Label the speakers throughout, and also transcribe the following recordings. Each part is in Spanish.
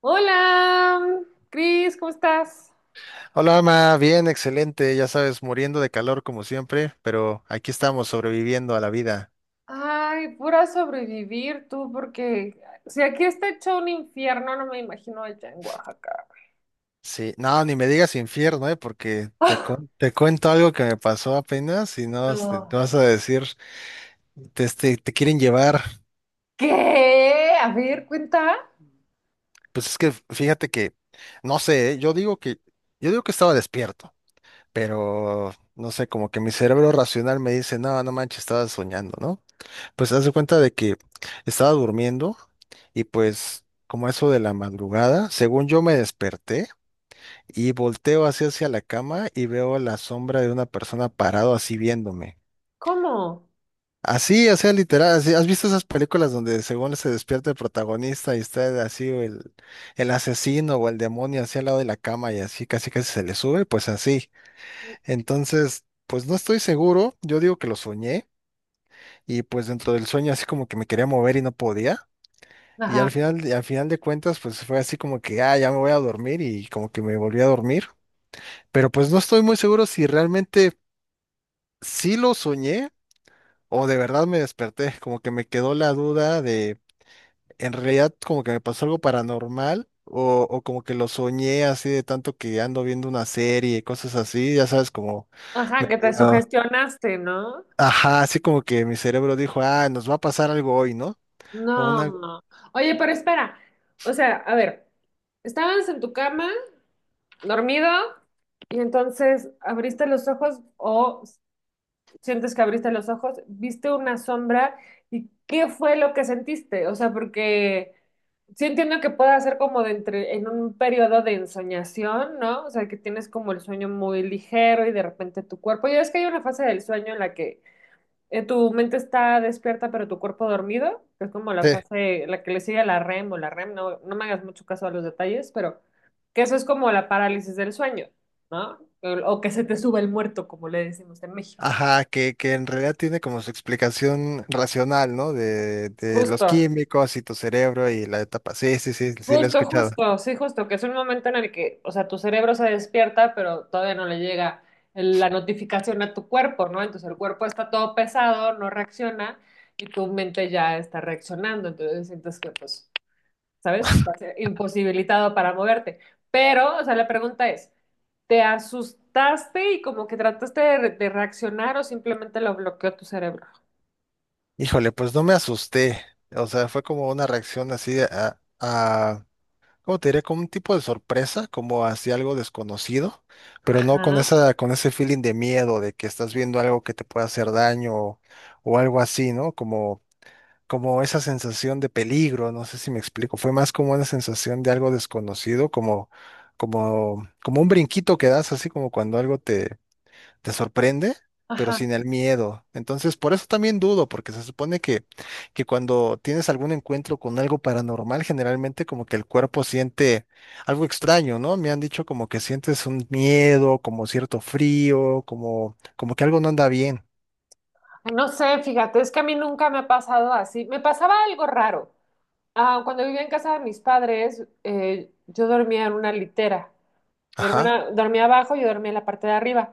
Speaker 1: Hola, Cris, ¿cómo estás?
Speaker 2: Hola, Ama, bien, excelente, ya sabes, muriendo de calor como siempre, pero aquí estamos sobreviviendo a la vida.
Speaker 1: Ay, pura sobrevivir tú, porque si aquí está hecho un infierno, no me imagino allá en Oaxaca.
Speaker 2: Sí, no, ni me digas infierno, porque te,
Speaker 1: Ah,
Speaker 2: te cuento algo que me pasó apenas y no
Speaker 1: no.
Speaker 2: vas a decir, te quieren llevar.
Speaker 1: ¿Qué? A ver, cuenta.
Speaker 2: Pues es que fíjate que, no sé, yo digo que estaba despierto, pero no sé, como que mi cerebro racional me dice, no, no manches, estaba soñando, ¿no? Pues haz de cuenta de que estaba durmiendo y pues como eso de la madrugada, según yo me desperté y volteo así hacia la cama y veo la sombra de una persona parado así viéndome.
Speaker 1: ¿Cómo?
Speaker 2: Así, o sea, literal, así, ¿has visto esas películas donde según se despierta el protagonista y está así o el asesino o el demonio así al lado de la cama y así casi casi se le sube? Pues así. Entonces, pues no estoy seguro, yo digo que lo soñé y pues dentro del sueño así como que me quería mover y no podía.
Speaker 1: Ajá,
Speaker 2: Y al final de cuentas, pues fue así como que, ah, ya me voy a dormir y como que me volví a dormir. Pero pues no estoy muy seguro si realmente sí lo soñé o de verdad me desperté. Como que me quedó la duda de, en realidad como que me pasó algo paranormal o como que lo soñé así de tanto que ando viendo una serie y cosas así, ya sabes, como
Speaker 1: ajá, que te
Speaker 2: medio,
Speaker 1: sugestionaste, ¿no?
Speaker 2: ajá, así como que mi cerebro dijo, ah, nos va a pasar algo hoy, ¿no? O una...
Speaker 1: No. Oye, pero espera. O sea, a ver, estabas en tu cama, dormido, y entonces abriste los ojos o sientes que abriste los ojos, viste una sombra y ¿qué fue lo que sentiste? O sea, porque sí entiendo que pueda ser como de entre, en un periodo de ensoñación, ¿no? O sea, que tienes como el sueño muy ligero y de repente tu cuerpo, ya es que hay una fase del sueño en la que tu mente está despierta pero tu cuerpo dormido, que es como la
Speaker 2: sí.
Speaker 1: fase, la que le sigue a la REM o la REM, no, no me hagas mucho caso a los detalles, pero que eso es como la parálisis del sueño, ¿no? O que se te sube el muerto, como le decimos en México.
Speaker 2: Ajá, que en realidad tiene como su explicación racional, ¿no? De los
Speaker 1: Justo.
Speaker 2: químicos y tu cerebro y la etapa. Sí, sí, sí, sí, lo he
Speaker 1: Justo,
Speaker 2: escuchado.
Speaker 1: justo, sí, justo, que es un momento en el que, o sea, tu cerebro se despierta, pero todavía no le llega la notificación a tu cuerpo, ¿no? Entonces el cuerpo está todo pesado, no reacciona y tu mente ya está reaccionando, entonces sientes que, pues, ¿sabes? Que estás imposibilitado para moverte. Pero, o sea, la pregunta es, ¿te asustaste y como que trataste de, de reaccionar o simplemente lo bloqueó tu cerebro?
Speaker 2: Híjole, pues no me asusté. O sea, fue como una reacción así de a, ¿cómo te diré? Como un tipo de sorpresa, como hacia algo desconocido, pero no con
Speaker 1: Ajá,
Speaker 2: esa, con ese feeling de miedo, de que estás viendo algo que te puede hacer daño o algo así, ¿no? Como esa sensación de peligro, no sé si me explico, fue más como una sensación de algo desconocido, como un brinquito que das, así como cuando algo te, te sorprende, pero
Speaker 1: ajá.
Speaker 2: sin el miedo. Entonces, por eso también dudo, porque se supone que cuando tienes algún encuentro con algo paranormal, generalmente como que el cuerpo siente algo extraño, ¿no? Me han dicho como que sientes un miedo, como cierto frío, como, como que algo no anda bien.
Speaker 1: No sé, fíjate, es que a mí nunca me ha pasado así. Me pasaba algo raro. Ah, cuando vivía en casa de mis padres, yo dormía en una litera. Mi
Speaker 2: Ajá,
Speaker 1: hermana dormía abajo, yo dormía en la parte de arriba.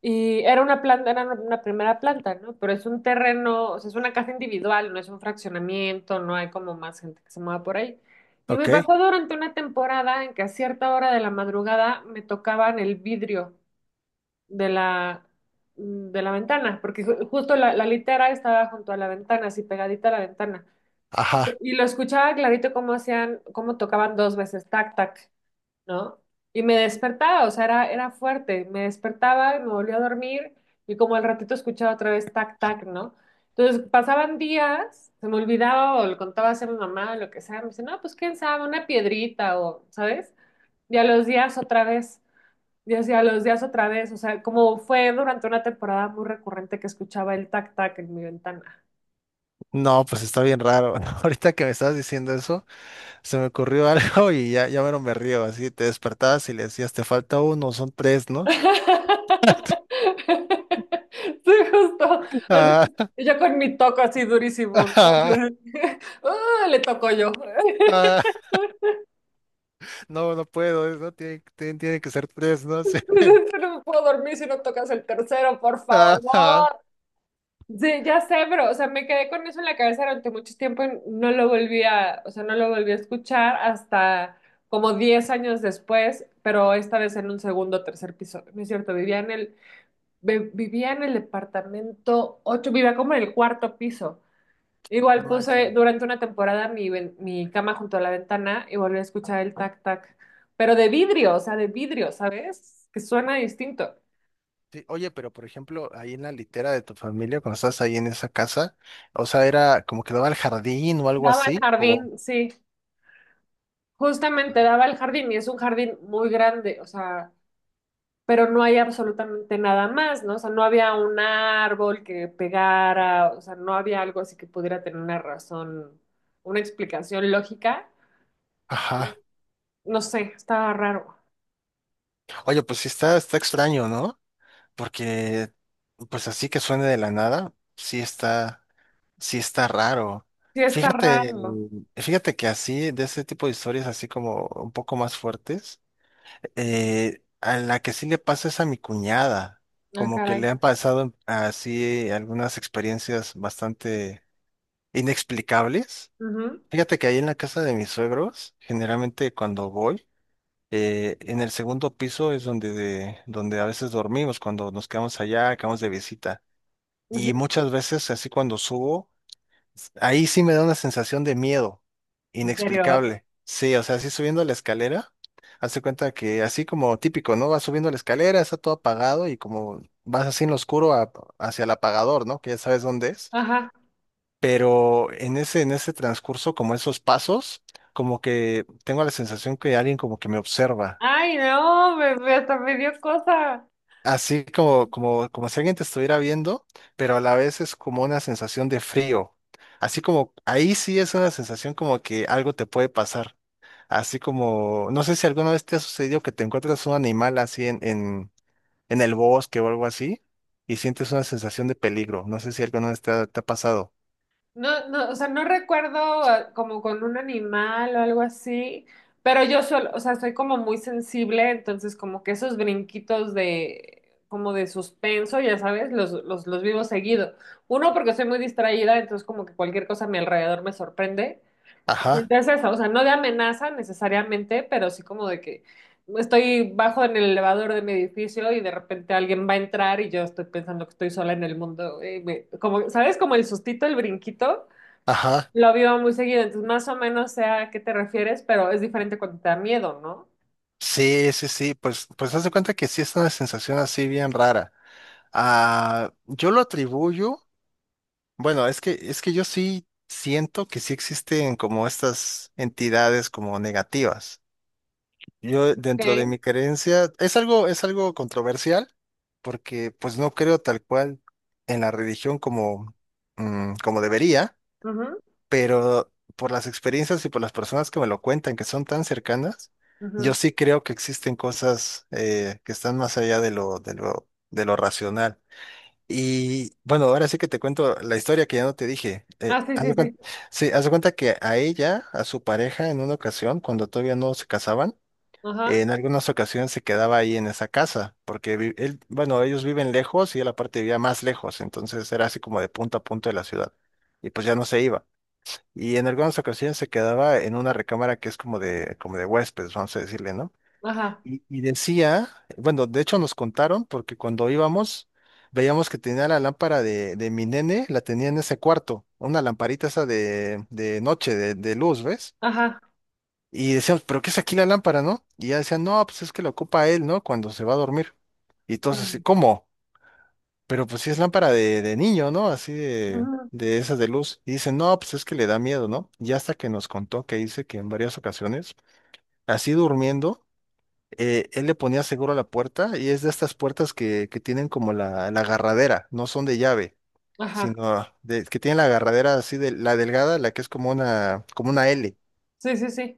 Speaker 1: Y era una planta, era una primera planta, ¿no? Pero es un terreno, o sea, es una casa individual, no es un fraccionamiento, no hay como más gente que se mueva por ahí. Y me
Speaker 2: ok,
Speaker 1: pasó durante una temporada en que a cierta hora de la madrugada me tocaban el vidrio de la, de la ventana, porque justo la, la litera estaba junto a la ventana, así pegadita a la ventana.
Speaker 2: ajá.
Speaker 1: Y lo escuchaba clarito cómo hacían, cómo tocaban dos veces, tac, tac, ¿no? Y me despertaba, o sea, era, era fuerte. Me despertaba, me volvía a dormir y como al ratito escuchaba otra vez tac, tac, ¿no? Entonces pasaban días, se me olvidaba o le contaba así a mi mamá o lo que sea. Me dice, no, pues quién sabe, una piedrita o, ¿sabes? Y a los días otra vez, y así a los días otra vez, o sea, como fue durante una temporada muy recurrente que escuchaba el tac, tac en mi ventana.
Speaker 2: No, pues está bien raro. Ahorita que me estabas diciendo eso, se me ocurrió algo y ya, ya mero me río. Así te despertabas y le decías, te falta uno, son tres, ¿no?
Speaker 1: Sí, justo. Así, yo con mi toco así
Speaker 2: Ah,
Speaker 1: durísimo, ¿no? Así
Speaker 2: ah,
Speaker 1: de, ¡ah! Le toco yo.
Speaker 2: ah, no, no puedo, no tiene, tiene que ser tres, ¿no? sé.
Speaker 1: Dices, "Yo no me puedo dormir si no tocas el tercero, por
Speaker 2: Ah, ah,
Speaker 1: favor." Sí, ya sé, pero, o sea, me quedé con eso en la cabeza durante mucho tiempo y no lo volví a, o sea, no lo volví a escuchar hasta como 10 años después, pero esta vez en un segundo o tercer piso. No es cierto, vivía en el, vivía en el departamento 8, vivía como en el cuarto piso.
Speaker 2: no
Speaker 1: Igual
Speaker 2: manches.
Speaker 1: puse durante una temporada mi, mi cama junto a la ventana y volví a escuchar el tac tac, pero de vidrio, o sea, de vidrio, ¿sabes? Que suena distinto.
Speaker 2: Sí, oye, pero por ejemplo, ahí en la litera de tu familia, cuando estás ahí en esa casa, o sea, era como que daba al jardín o algo
Speaker 1: Daba al
Speaker 2: así, o...
Speaker 1: jardín, sí, justamente daba al jardín y es un jardín muy grande, o sea, pero no hay absolutamente nada más, ¿no? O sea, no había un árbol que pegara, o sea, no había algo así que pudiera tener una razón, una explicación lógica.
Speaker 2: Ajá.
Speaker 1: No sé, estaba raro.
Speaker 2: Oye, pues sí está, está extraño, ¿no? Porque, pues así que suene de la nada, sí está raro.
Speaker 1: Sí, está
Speaker 2: Fíjate,
Speaker 1: raro.
Speaker 2: fíjate que así, de ese tipo de historias así como un poco más fuertes, a la que sí le pasa es a mi cuñada.
Speaker 1: Ah,
Speaker 2: Como que le
Speaker 1: caray.
Speaker 2: han pasado así algunas experiencias bastante inexplicables.
Speaker 1: Ujú,
Speaker 2: Fíjate que ahí en la casa de mis suegros, generalmente cuando voy, en el segundo piso es donde, donde a veces dormimos, cuando nos quedamos allá, acabamos de visita.
Speaker 1: ujú.
Speaker 2: Y muchas veces, así cuando subo, ahí sí me da una sensación de miedo,
Speaker 1: ¿En serio?
Speaker 2: inexplicable. Sí, o sea, así subiendo la escalera, hace cuenta que así como típico, ¿no? Vas subiendo la escalera, está todo apagado y como vas así en lo oscuro hacia el apagador, ¿no? Que ya sabes dónde es.
Speaker 1: Ajá.
Speaker 2: Pero en ese transcurso, como esos pasos, como que tengo la sensación que alguien como que me observa
Speaker 1: Ay, no, me, hasta me dio cosa.
Speaker 2: así como si alguien te estuviera viendo, pero a la vez es como una sensación de frío. Así como, ahí sí es una sensación como que algo te puede pasar. Así como, no sé si alguna vez te ha sucedido que te encuentras un animal así en el bosque o algo así y sientes una sensación de peligro. No sé si alguna vez te ha pasado.
Speaker 1: No, no, o sea, no recuerdo ah, como con un animal o algo así, pero yo solo, o sea, soy como muy sensible, entonces como que esos brinquitos de, como de suspenso, ya sabes, los vivo seguido. Uno, porque soy muy distraída, entonces como que cualquier cosa a mi alrededor me sorprende.
Speaker 2: Ajá,
Speaker 1: Es eso, o sea, no de amenaza necesariamente, pero sí como de que estoy bajo en el elevador de mi edificio y de repente alguien va a entrar y yo estoy pensando que estoy sola en el mundo. Como, ¿sabes? Como el sustito, el brinquito,
Speaker 2: ajá.
Speaker 1: lo vivo muy seguido. Entonces, más o menos sé a qué te refieres, pero es diferente cuando te da miedo, ¿no?
Speaker 2: Sí, sí, sí. Pues, pues haz de cuenta que sí es una sensación así bien rara. Ah, yo lo atribuyo. Bueno, es que yo sí siento que sí existen como estas entidades como negativas. Yo dentro de
Speaker 1: Ok.
Speaker 2: mi creencia es algo controversial porque pues no creo tal cual en la religión como, mm, como debería,
Speaker 1: Ujú,
Speaker 2: pero por las experiencias y por las personas que me lo cuentan, que son tan cercanas,
Speaker 1: ujú.
Speaker 2: yo sí creo que existen cosas que están más allá de lo, de lo racional. Y bueno, ahora sí que te cuento la historia que ya no te dije.
Speaker 1: Ah, sí, sí, sí.
Speaker 2: Sí, haz de cuenta que a ella, a su pareja, en una ocasión, cuando todavía no se casaban,
Speaker 1: Ajá,
Speaker 2: en algunas ocasiones se quedaba ahí en esa casa, porque él, bueno, ellos viven lejos y él aparte vivía más lejos, entonces era así como de punto a punto de la ciudad. Y pues ya no se iba. Y en algunas ocasiones se quedaba en una recámara que es como de huéspedes, vamos a decirle, ¿no?
Speaker 1: ajá,
Speaker 2: Y decía, bueno, de hecho nos contaron, porque cuando íbamos, veíamos que tenía la lámpara de mi nene, la tenía en ese cuarto, una lamparita esa de noche, de luz, ¿ves?
Speaker 1: ajá.
Speaker 2: Y decíamos, ¿pero qué es aquí la lámpara, no? Y ya decían, no, pues es que la ocupa él, ¿no? Cuando se va a dormir. Y entonces, así,
Speaker 1: Mm,
Speaker 2: ¿cómo? Pero pues sí es lámpara de niño, ¿no? Así
Speaker 1: ujú.
Speaker 2: de esas de luz. Y dicen, no, pues es que le da miedo, ¿no? Y hasta que nos contó que dice que en varias ocasiones, así durmiendo, él le ponía seguro a la puerta y es de estas puertas que tienen como la agarradera, no son de llave,
Speaker 1: Ajá.
Speaker 2: sino de, que tienen la agarradera así de la delgada, la que es como una L.
Speaker 1: Sí, sí, sí.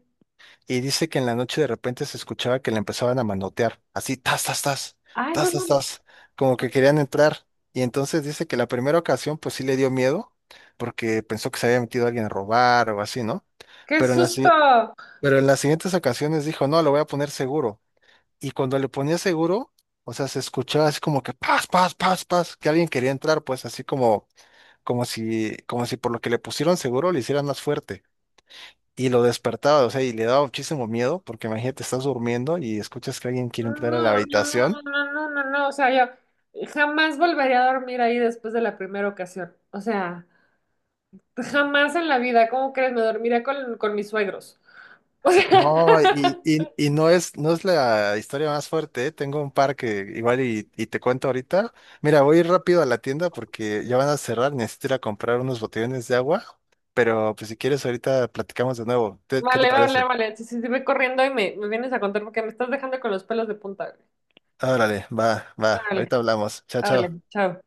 Speaker 2: Y dice que en la noche de repente se escuchaba que le empezaban a manotear, así, tas, tas, tas,
Speaker 1: Ay, no
Speaker 2: tas, tas,
Speaker 1: mames.
Speaker 2: tas, como que querían entrar. Y entonces dice que la primera ocasión pues sí le dio miedo porque pensó que se había metido alguien a robar o así, ¿no?
Speaker 1: ¡Qué
Speaker 2: Pero en las, si-
Speaker 1: susto!
Speaker 2: pero en las siguientes ocasiones dijo, no, lo voy a poner seguro y cuando le ponía seguro, o sea, se escuchaba así como que paz, paz, paz, paz, que alguien quería entrar, pues así como, como si por lo que le pusieron seguro le hicieran más fuerte. Y lo despertaba, o sea, y le daba muchísimo miedo, porque imagínate, estás durmiendo y escuchas que alguien quiere entrar a la
Speaker 1: No, no, no, no,
Speaker 2: habitación.
Speaker 1: no, no, no, no, o sea, yo jamás volvería a dormir ahí después de la primera ocasión. O sea, jamás en la vida, ¿cómo crees? Me dormiría con mis suegros. O sea,
Speaker 2: No, y no es, no es la historia más fuerte, ¿eh? Tengo un par que igual y te cuento ahorita. Mira, voy a ir rápido a la tienda porque ya van a cerrar, necesito ir a comprar unos botellones de agua, pero pues si quieres ahorita platicamos de nuevo. ¿Qué te
Speaker 1: vale, vale,
Speaker 2: parece?
Speaker 1: vale. Si, si, si voy corriendo y me vienes a contar porque me estás dejando con los pelos de punta, güey.
Speaker 2: Órale, va, va,
Speaker 1: Órale,
Speaker 2: ahorita hablamos. Chao, chao.
Speaker 1: órale, chao.